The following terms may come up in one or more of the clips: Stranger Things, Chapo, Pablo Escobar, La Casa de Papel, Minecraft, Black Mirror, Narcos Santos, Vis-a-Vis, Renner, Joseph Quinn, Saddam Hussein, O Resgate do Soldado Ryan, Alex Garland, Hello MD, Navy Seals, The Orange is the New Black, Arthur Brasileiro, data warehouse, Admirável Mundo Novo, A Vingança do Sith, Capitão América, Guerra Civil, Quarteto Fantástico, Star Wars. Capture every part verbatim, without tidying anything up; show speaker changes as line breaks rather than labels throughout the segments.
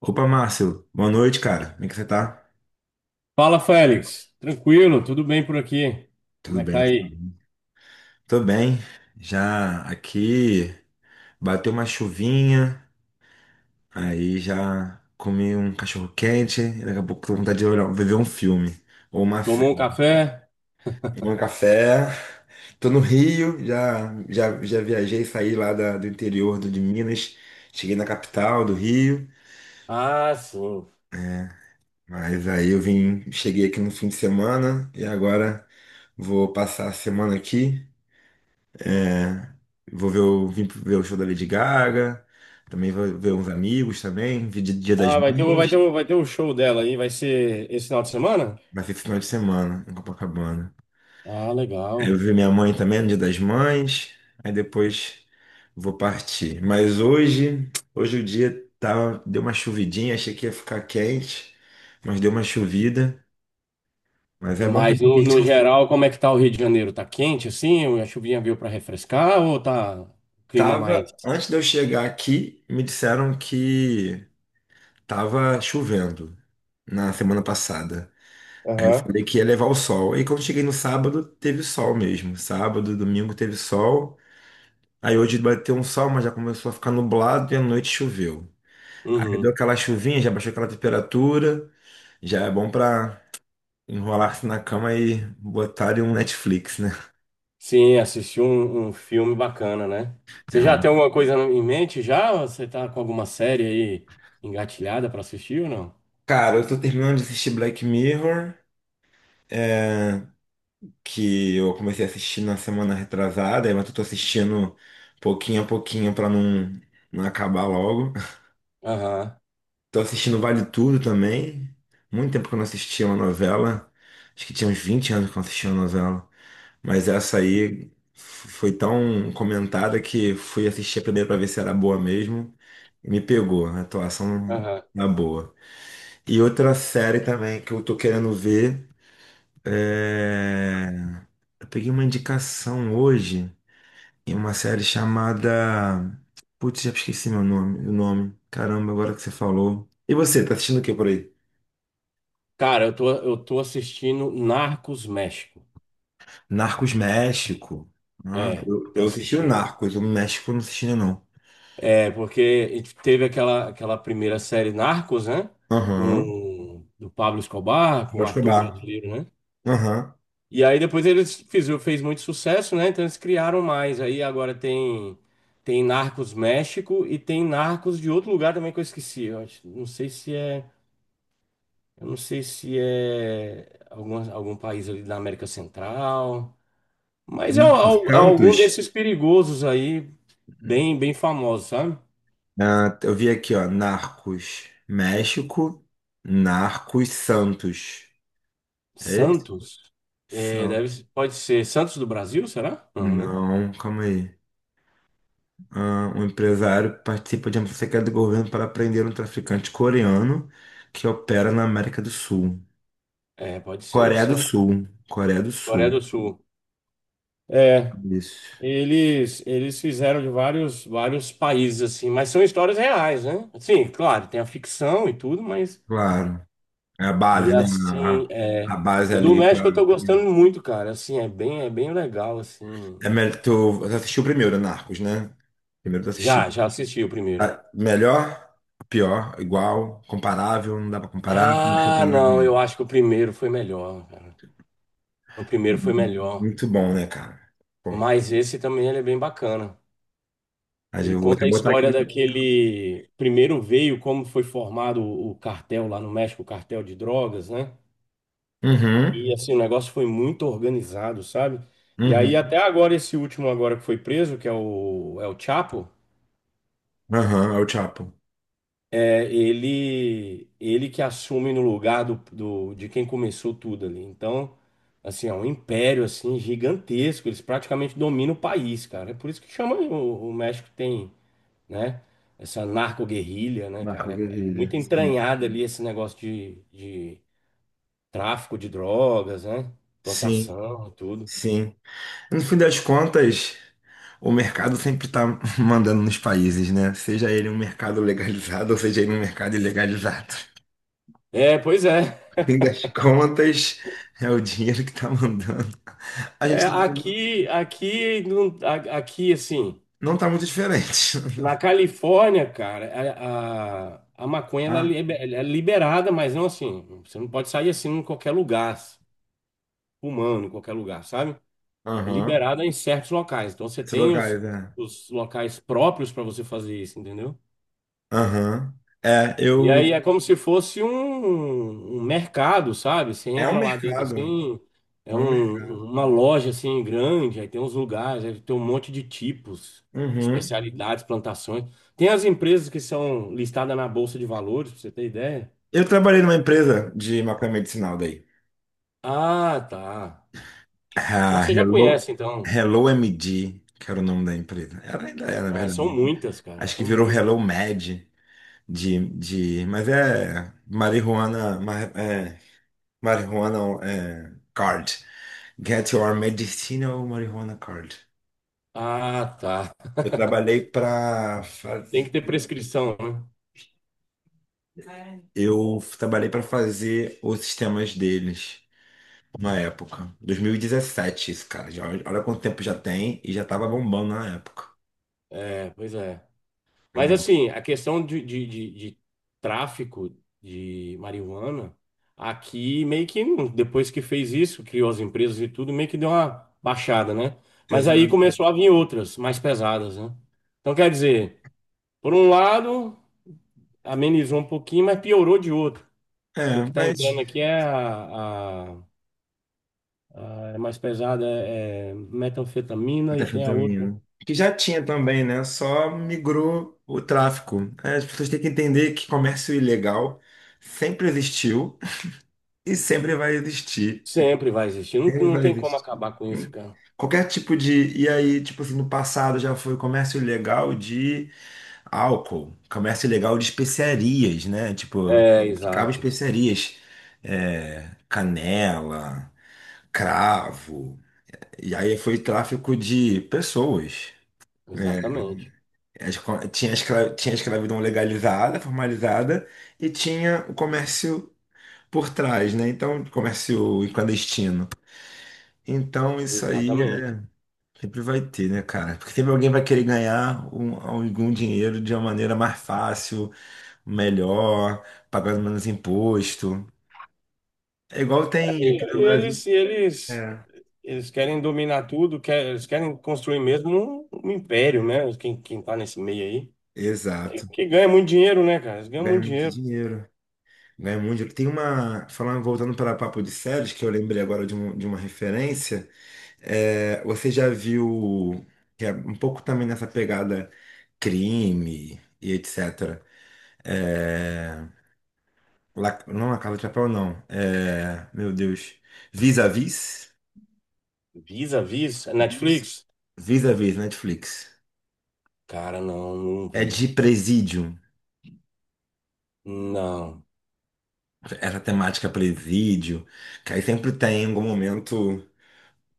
Opa, Márcio. Boa noite, cara. Como é que você tá?
Fala, Félix. Tranquilo, tudo bem por aqui? Como
Tudo
é que tá
bem?
aí?
Tô bem. Já aqui bateu uma chuvinha, aí já comi um cachorro quente, e daqui a pouco tô com vontade de olhar, ver um filme ou uma
Tomou
série.
um café?
Tomei um café. Tô no Rio, já já já viajei, saí lá da- do interior do, de Minas, cheguei na capital do Rio,
Ah, sim.
mas aí eu vim, cheguei aqui no fim de semana e agora vou passar a semana aqui. Vou ver o, vim ver o show da Lady Gaga. Também vou ver uns amigos também. Vi de- Dia das
Ah, vai ter, o- vai ter,
Mães.
o- vai ter o show dela aí, vai ser esse final de semana?
Vai ser esse final de semana em Copacabana.
Ah,
Eu
legal.
vi minha mãe também no Dia das Mães. Aí depois vou partir. Mas hoje, hoje o dia tá, deu uma chuvidinha. Achei que ia ficar quente, mas deu uma chuvida. Mas é bom
Mas
também que a
no,
gente
no
consegue.
geral, como é que tá o Rio de Janeiro? Tá quente assim? A chuvinha veio pra refrescar ou tá um clima mais?
Tava, antes de eu chegar aqui, me disseram que tava chovendo na semana passada. Aí eu
Aham.
falei que ia levar o sol. Aí quando cheguei no sábado, teve sol mesmo. Sábado, e domingo teve sol. Aí hoje bateu um sol, mas já começou a ficar nublado e à noite choveu. Aí deu
Uhum.
aquela chuvinha, já baixou aquela temperatura. Já é bom pra enrolar-se na cama e botar em um Netflix, né?
Sim, assisti um, um filme bacana, né? Você
É
já tem
um-
alguma coisa em mente já? Ou Você tá com alguma série aí engatilhada pra assistir ou não?
Cara, eu tô terminando de assistir Black Mirror, que eu comecei a assistir na semana retrasada, mas eu tô assistindo pouquinho a pouquinho pra não, não acabar logo.
Aham,
Tô assistindo Vale Tudo também. Muito tempo que eu não assistia uma novela. Acho que tinha uns vinte anos que eu não assistia uma novela. Mas essa aí f- foi tão comentada que fui assistir a primeira pra ver se era boa mesmo. E me pegou. A atuação
aham.
na boa. E outra série também que eu tô querendo ver é... Eu peguei uma indicação hoje em uma série chamada... Putz, já esqueci meu nome, o nome. Caramba, agora que você falou. E você, tá assistindo o que por aí?
Cara, eu tô, eu tô assistindo Narcos México.
Narcos México. Ah,
É,
eu,
tô
eu assisti o
assistindo.
Narcos, o México eu não assisti ainda não.
É, porque teve aquela, aquela primeira série Narcos, né?
Aham.
Com do Pablo Escobar, com
Vou
o Arthur
Escobar.
Brasileiro, né?
Aham.
E aí depois eles fizeram, fez muito sucesso, né? Então eles criaram mais. Aí agora tem tem Narcos México e tem Narcos de outro lugar também que eu esqueci. Eu acho- não sei se é, eu não sei se é algum, algum país ali da América Central. Mas é,
Narcos
al- é algum
Santos?
desses perigosos aí, bem, bem famosos, sabe?
Ah, eu vi aqui, ó. Narcos México, Narcos Santos. É esse?
Santos. É,
Santos.
deve, pode ser Santos do Brasil, será? Não, né?
Não, calma aí. Ah, um empresário participa de uma secreta do governo para prender um traficante coreano que opera na América do Sul.
É, pode ser
Coreia do
Santos.
Sul. Coreia do
Coreia
Sul.
do Sul. É,
Isso.
eles eles fizeram de vários vários países assim, mas são histórias reais, né? Sim, claro, tem a ficção e tudo, mas
Claro. É a
e
base, né?
assim,
A, a
é,
base
o do
ali pra.
México eu tô gostando muito, cara. Assim, é bem é bem legal assim.
É melhor, tu, tu assistiu primeiro, Narcos, né? Primeiro tu
Já,
assistiu.
já assisti o primeiro.
Ah, melhor, pior, igual, comparável, não dá pra comparar. Como é que você tá?
Ah, não, eu acho que o primeiro foi melhor, cara. O primeiro foi melhor.
Muito bom, né, cara? Bom,
Mas esse também ele é bem bacana.
mas
Ele
eu vou até
conta a
botar aqui.
história daquele. Primeiro veio como foi formado o o cartel lá no México, o cartel de drogas, né?
Uhum,
E assim, o negócio foi muito organizado, sabe? E aí, até
uhum,
agora, esse último agora que foi preso, que é o, é o Chapo.
aham, é o Chapo.
É, ele ele que assume no lugar do, do- de quem começou tudo ali. Então, assim, é um império assim gigantesco, eles praticamente dominam o país, cara. É por isso que chama o, o México tem, né, essa narco-guerrilha, né,
Marco
cara? É, é muito
Guerrilha. Sim,
entranhado ali esse negócio de, de tráfico de drogas, né?
sim,
Plantação, tudo.
sim. No fim das contas. O mercado sempre está mandando nos países, né? Seja ele um mercado legalizado ou seja ele um mercado ilegalizado.
É, pois é.
No fim das contas, é o dinheiro que está mandando. A
É,
gente
aqui, aqui, não- a- aqui, assim.
não está muito diferente.
Na Califórnia, cara, a, a, a maconha ela
Ah,
libe- ela é liberada, mas não assim. Você não pode sair assim em qualquer lugar, fumando em qualquer lugar, sabe? É
aham.
liberada em certos locais. Então você
Esses
tem os,
lugares, é.
os locais próprios para você fazer isso, entendeu?
Aham. É,
E
eu.
aí é como se fosse um, um mercado, sabe? Você
É um
entra lá dentro
mercado.
assim,
É
é
um
um-
mercado.
uma loja assim grande, aí tem uns lugares, aí tem um monte de tipos,
Uhum.
especialidades, plantações. Tem as empresas que são listadas na Bolsa de Valores, pra você ter ideia.
Eu trabalhei numa empresa de maconha medicinal daí.
Ah, tá. Então
Ah,
você já
Hello,
conhece, então.
Hello M D, que era o nome da empresa. Ela ainda é, na
É, são
verdade.
muitas, cara,
Acho que
são
virou
muitas.
Hello Med. De, de, mas é marihuana, ma- é, marihuana é, card. Get your medicinal marijuana card.
Ah, tá.
Eu trabalhei para
Tem que ter prescrição, né?
eu trabalhei para fazer os sistemas deles na época, dois mil e dezessete, isso, cara. Já, olha quanto tempo já tem e já tava bombando na época.
É, pois é.
É
Mas
bom.
assim, a questão de, de, de, de tráfico de marihuana, aqui meio que hum, depois que fez isso, criou as empresas e tudo, meio que deu uma baixada, né? Mas aí
Exato.
começou a vir outras, mais pesadas, né? Então quer dizer, por um lado, amenizou um pouquinho, mas piorou de outro. Porque o
É,
que está
mas
entrando aqui é a, a- a- é mais pesada, é, é metanfetamina
da
e tem a outra.
fentanilo. Que já tinha também, né? Só migrou o tráfico. É, as pessoas têm que entender que comércio ilegal sempre existiu e sempre vai existir.
Sempre vai existir, não,
Sempre
não
vai
tem como
existir.
acabar com isso, cara.
Qualquer tipo de. E aí, tipo assim, no passado já foi comércio ilegal de álcool, comércio ilegal de especiarias, né? Tipo,
É,
ficava
exato.
especiarias, é, canela, cravo. E aí foi tráfico de pessoas.
Exatamente,
A escra- Tinha a escra- tinha a escravidão legalizada, formalizada, e tinha o comércio por trás, né? Então, comércio clandestino. Então, isso aí é-
exatamente.
sempre vai ter, né, cara? Porque sempre alguém vai querer ganhar um- algum dinheiro de uma maneira mais fácil, melhor, pagando menos imposto. É igual tem aqui
E
no Brasil.
eles, eles,
É.
eles querem dominar tudo, quer- eles querem construir mesmo um, um império, né? Quem, quem tá nesse meio aí. É
Exato.
que ganha muito dinheiro, né, cara? Eles ganham
Ganha
muito
muito
dinheiro.
dinheiro. Ganha muito dinheiro. Tem uma. Falando, voltando para Papo de Séries, que eu lembrei agora de, um- de uma referência. É, você já viu, que é um pouco também nessa pegada crime e etcétera. É, La- não, La Casa de Papel, não. É, meu Deus. Vis-a-vis?
Visa, Visa,
Vis-
Netflix?
Vis-a-vis, Netflix.
Cara, não, não
É
vi.
de presídio.
Não.
Essa temática é presídio. Que aí sempre tem algum momento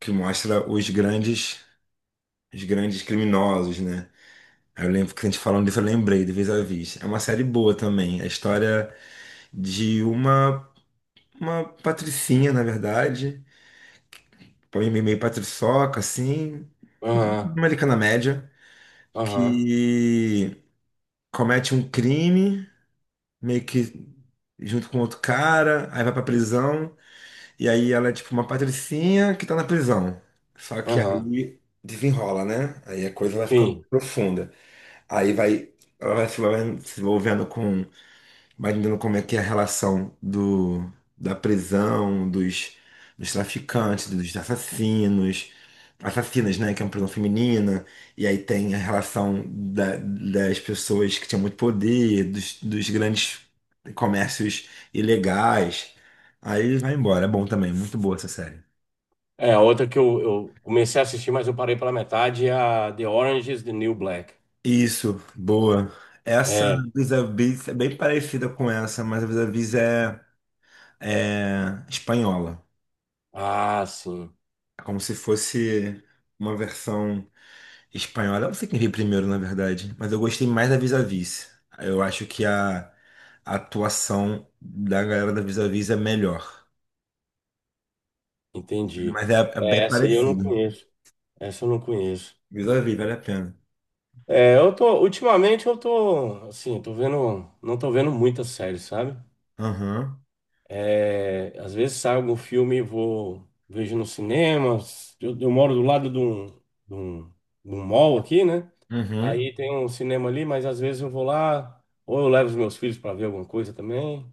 que mostra os grandes, os grandes criminosos, né? Aí eu lembro que a gente falando disso, eu lembrei do Vis-a-Vis. É uma série boa também. É a história de uma Uma patricinha, na verdade. Põe meio meio patriçoca, assim. Uma
Aham,
americana média.
aham,
Que comete um crime, meio que junto com outro cara. Aí vai pra prisão. E aí ela é tipo uma patricinha que tá na prisão. Só que
aham.
aí desenrola, né? Aí a coisa vai ficando
Sim.
profunda. Aí vai, ela vai se envolvendo se envolvendo com imaginando como é que é a relação do, da prisão, dos, dos traficantes, dos assassinos, assassinas, né, que é uma prisão feminina, e aí tem a relação da- das pessoas que tinham muito poder, dos, dos grandes comércios ilegais. Aí vai embora, é bom também, muito boa essa série.
É, a outra que eu, eu comecei a assistir, mas eu parei pela metade, é a The Orange is the New Black.
Isso, boa. Essa
É.
Vis-a-Vis é bem parecida com essa, mas a Vis-a-Vis é, é espanhola.
Ah, sim.
É como se fosse uma versão espanhola. Eu não sei quem veio primeiro, na verdade, mas eu gostei mais da Vis a Vis. Eu acho que a, a atuação da galera da Vis a Vis é melhor.
Entendi.
Mas é, é
É,
bem
essa aí eu não
parecido.
conheço. Essa eu não conheço.
Vis a Vis, vale a pena.
É, eu tô, ultimamente eu tô, assim, tô vendo, não tô vendo muitas séries, sabe?
Aham.
É, às vezes sai algum filme e vou, vejo no cinema. Eu, eu moro do lado de um, de um, de um mall aqui, né?
Uhum. O
Aí tem um cinema ali, mas às vezes eu vou lá, ou eu levo os meus filhos para ver alguma coisa também,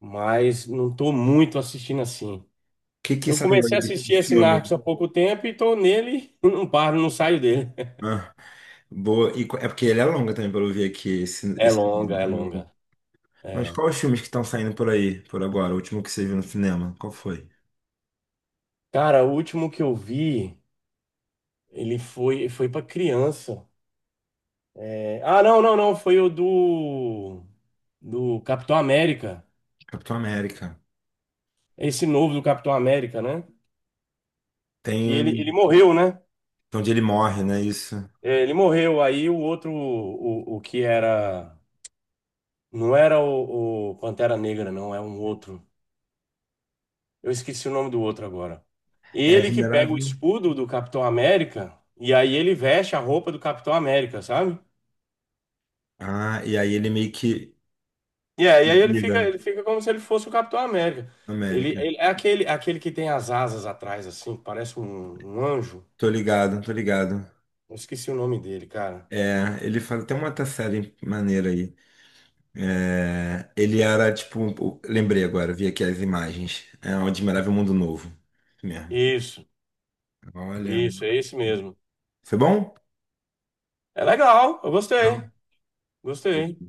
mas não tô muito assistindo assim.
que que
Eu
saiu
comecei
aí
a
desse
assistir esse
filme?
Narcos há pouco tempo e tô nele e não paro, não saio dele.
Ah, boa. E qu- é porque ele é longa também, pelo ver aqui. Esse,
É
esse...
longa, é
no-
longa.
Mas
É.
quais os filmes que estão saindo por aí, por agora? O último que você viu no cinema? Qual foi?
Cara, o último que eu vi, ele foi foi para criança. É, ah, não, não, não, foi o do do Capitão América.
Capitão América.
Esse novo do Capitão América, né? Que
Tem
ele,
um,
ele morreu, né?
onde ele morre, né? Isso.
É, ele morreu. Aí o outro, o, o que era. Não era o, o Pantera Negra, não, é um outro. Eu esqueci o nome do outro agora.
É
Ele que pega o
admirável.
escudo do Capitão América e aí ele veste a roupa do Capitão América, sabe?
Ah, e aí ele meio que
E é, e aí ele
vira
fica, ele fica como se ele fosse o Capitão América. Ele,
América.
ele é aquele, é aquele que tem as asas atrás, assim, parece um, um anjo.
Tô ligado, tô ligado.
Eu esqueci o nome dele, cara.
É, ele fala, tem uma outra série maneira aí. É, ele era tipo, um- o- lembrei agora, vi aqui as imagens. É um Admirável Mundo Novo. Isso mesmo.
Isso,
Olha,
isso, é esse mesmo.
foi bom?
É legal, eu
Legal.
gostei, gostei.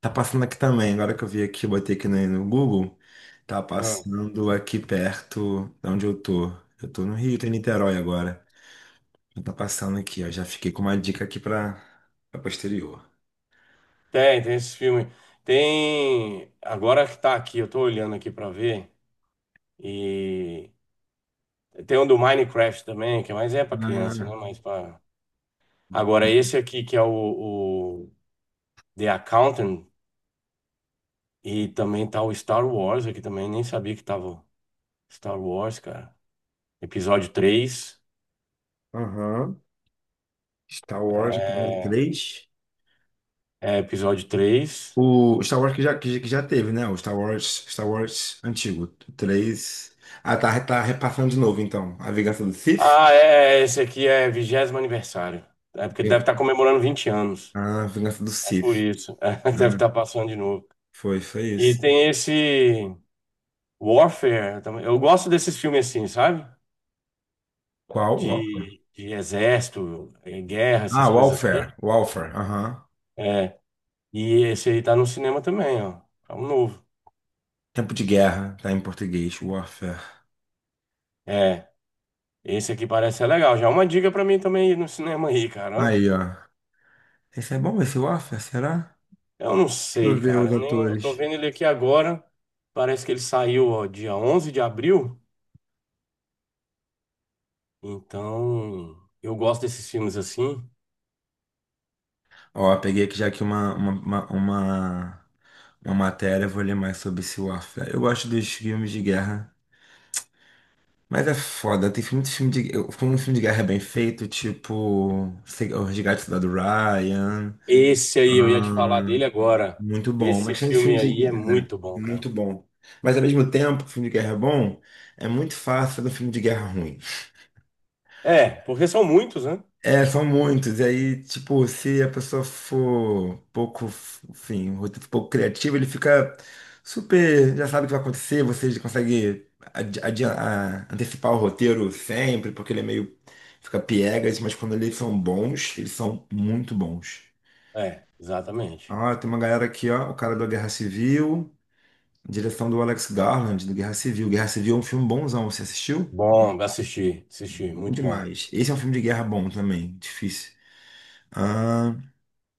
Tá passando aqui também, agora que eu vi aqui, botei aqui no, no Google, tá
Ah,
passando aqui perto de onde eu tô. Eu tô no Rio, tô em Niterói agora. Já tá passando aqui, ó. Já fiquei com uma dica aqui pra, pra posterior.
tem, tem esse filme. Tem. Agora que tá aqui, eu tô olhando aqui pra ver. E tem um do Minecraft também, que é mais é pra criança,
Ah,
né? Mas pra... Agora, esse aqui que é o, o The Accountant. E também tá o Star Wars aqui também, nem sabia que tava o Star Wars, cara. Episódio três.
aham. Star Wars, episódio
É,
três.
é episódio três.
O Star Wars que já, que, já que já teve, né? O Star Wars, Star Wars antigo. Três. Ah, tá, tá repassando de novo, então. A Vingança do Sith?
Ah, é, esse aqui é vigésimo aniversário. É porque deve
Ving-
estar comemorando vinte anos.
Ah, Vingança do
É por
Sith.
isso. É, deve
Uhum.
estar passando de novo.
Foi, foi
E
isso.
tem esse Warfare também. Eu gosto desses filmes assim, sabe?
Qual? Warfare.
De, de exército, eh, guerra,
Ah,
essas coisas
Warfare.
assim.
Warfare, aham.
É. E esse aí tá no cinema também, ó. É um novo.
Tempo de Guerra, tá em português. Warfare.
É. Esse aqui parece ser legal. Já é uma dica pra mim também ir no cinema aí, cara. Ó.
Aí, ó. Esse é bom, esse Warfare, será?
Eu não
Deixa
sei,
eu ver
cara.
os
Eu, nem, eu tô
atores.
vendo ele aqui agora. Parece que ele saiu, ó, dia onze de abril. Então, eu gosto desses filmes assim.
Ó, peguei aqui já aqui uma, uma, uma, uma, uma matéria, vou ler mais sobre esse Warfare. Eu gosto dos filmes de guerra, mas é foda, tem filme, muito filme de... eu- Como um filme de guerra é bem feito, tipo... sei- O Resgate do Soldado Ryan...
Esse aí, eu ia te
ah,
falar dele agora.
muito bom,
Esse
mas tem filme
filme
de
aí é
guerra...
muito
é,
bom, cara.
muito bom. Mas ao mesmo tempo, que o filme de guerra é bom, é muito fácil fazer um filme de guerra ruim.
É, porque são muitos, né?
É, são muitos. E aí, tipo, se a pessoa for pouco, enfim, um roteiro pouco criativo, ele fica super, já sabe o que vai acontecer, você já consegue adi- adi- a- antecipar o roteiro sempre, porque ele é meio, fica piegas, mas quando eles são bons, eles são muito bons.
É, exatamente.
Ah, tem uma galera aqui, ó, o cara da Guerra Civil, direção do Alex Garland, do Guerra Civil. Guerra Civil é um filme bonzão, você assistiu?
Bom, assisti, assisti,
Bom
muito bom.
demais. Esse é um filme de guerra bom também, difícil.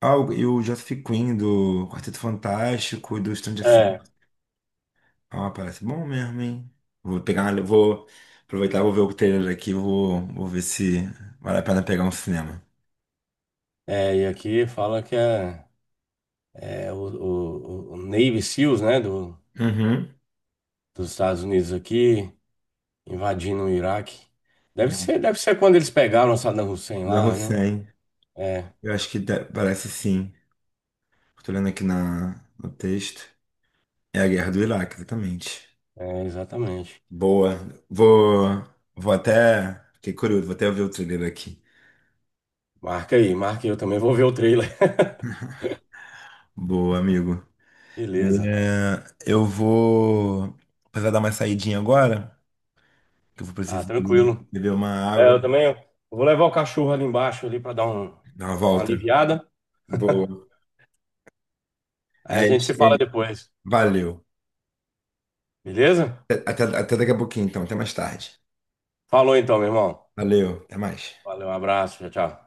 Ah, o- e o Joseph Quinn do Quarteto Fantástico e do Stranger Things.
É,
Ah, parece bom mesmo, hein? Vou pegar, uma- vou aproveitar, vou ver o trailer aqui, vou, vou ver se vale a pena pegar um cinema.
é, e aqui fala que é, é o, o, o Navy Seals, né? Do,
Uhum.
dos Estados Unidos aqui, invadindo o Iraque. Deve ser, deve ser quando eles pegaram o Saddam Hussein
Da
lá, né?
Hussein.
É,
Eu acho que dá- parece sim. Tô lendo aqui na, no texto. É a guerra do Iraque, exatamente.
é, exatamente.
Boa. Vou, vou até. Fiquei curioso, vou até ver o trailer aqui.
Marca aí, marca aí, eu também vou ver o trailer.
Boa, amigo.
Beleza.
É, eu vou precisar dar uma saidinha agora, que eu vou
Ah,
precisar ali
tranquilo.
beber uma
É,
água,
eu também eu vou levar o cachorro ali embaixo ali para dar um-
dar uma
uma
volta.
aliviada.
Boa.
Aí
Aí,
a
ele,
gente se fala
ele-
depois.
valeu.
Beleza?
Até, até até daqui a pouquinho, então. Até mais tarde.
Falou então, meu irmão.
Valeu. Até mais.
Valeu, um abraço, tchau, tchau.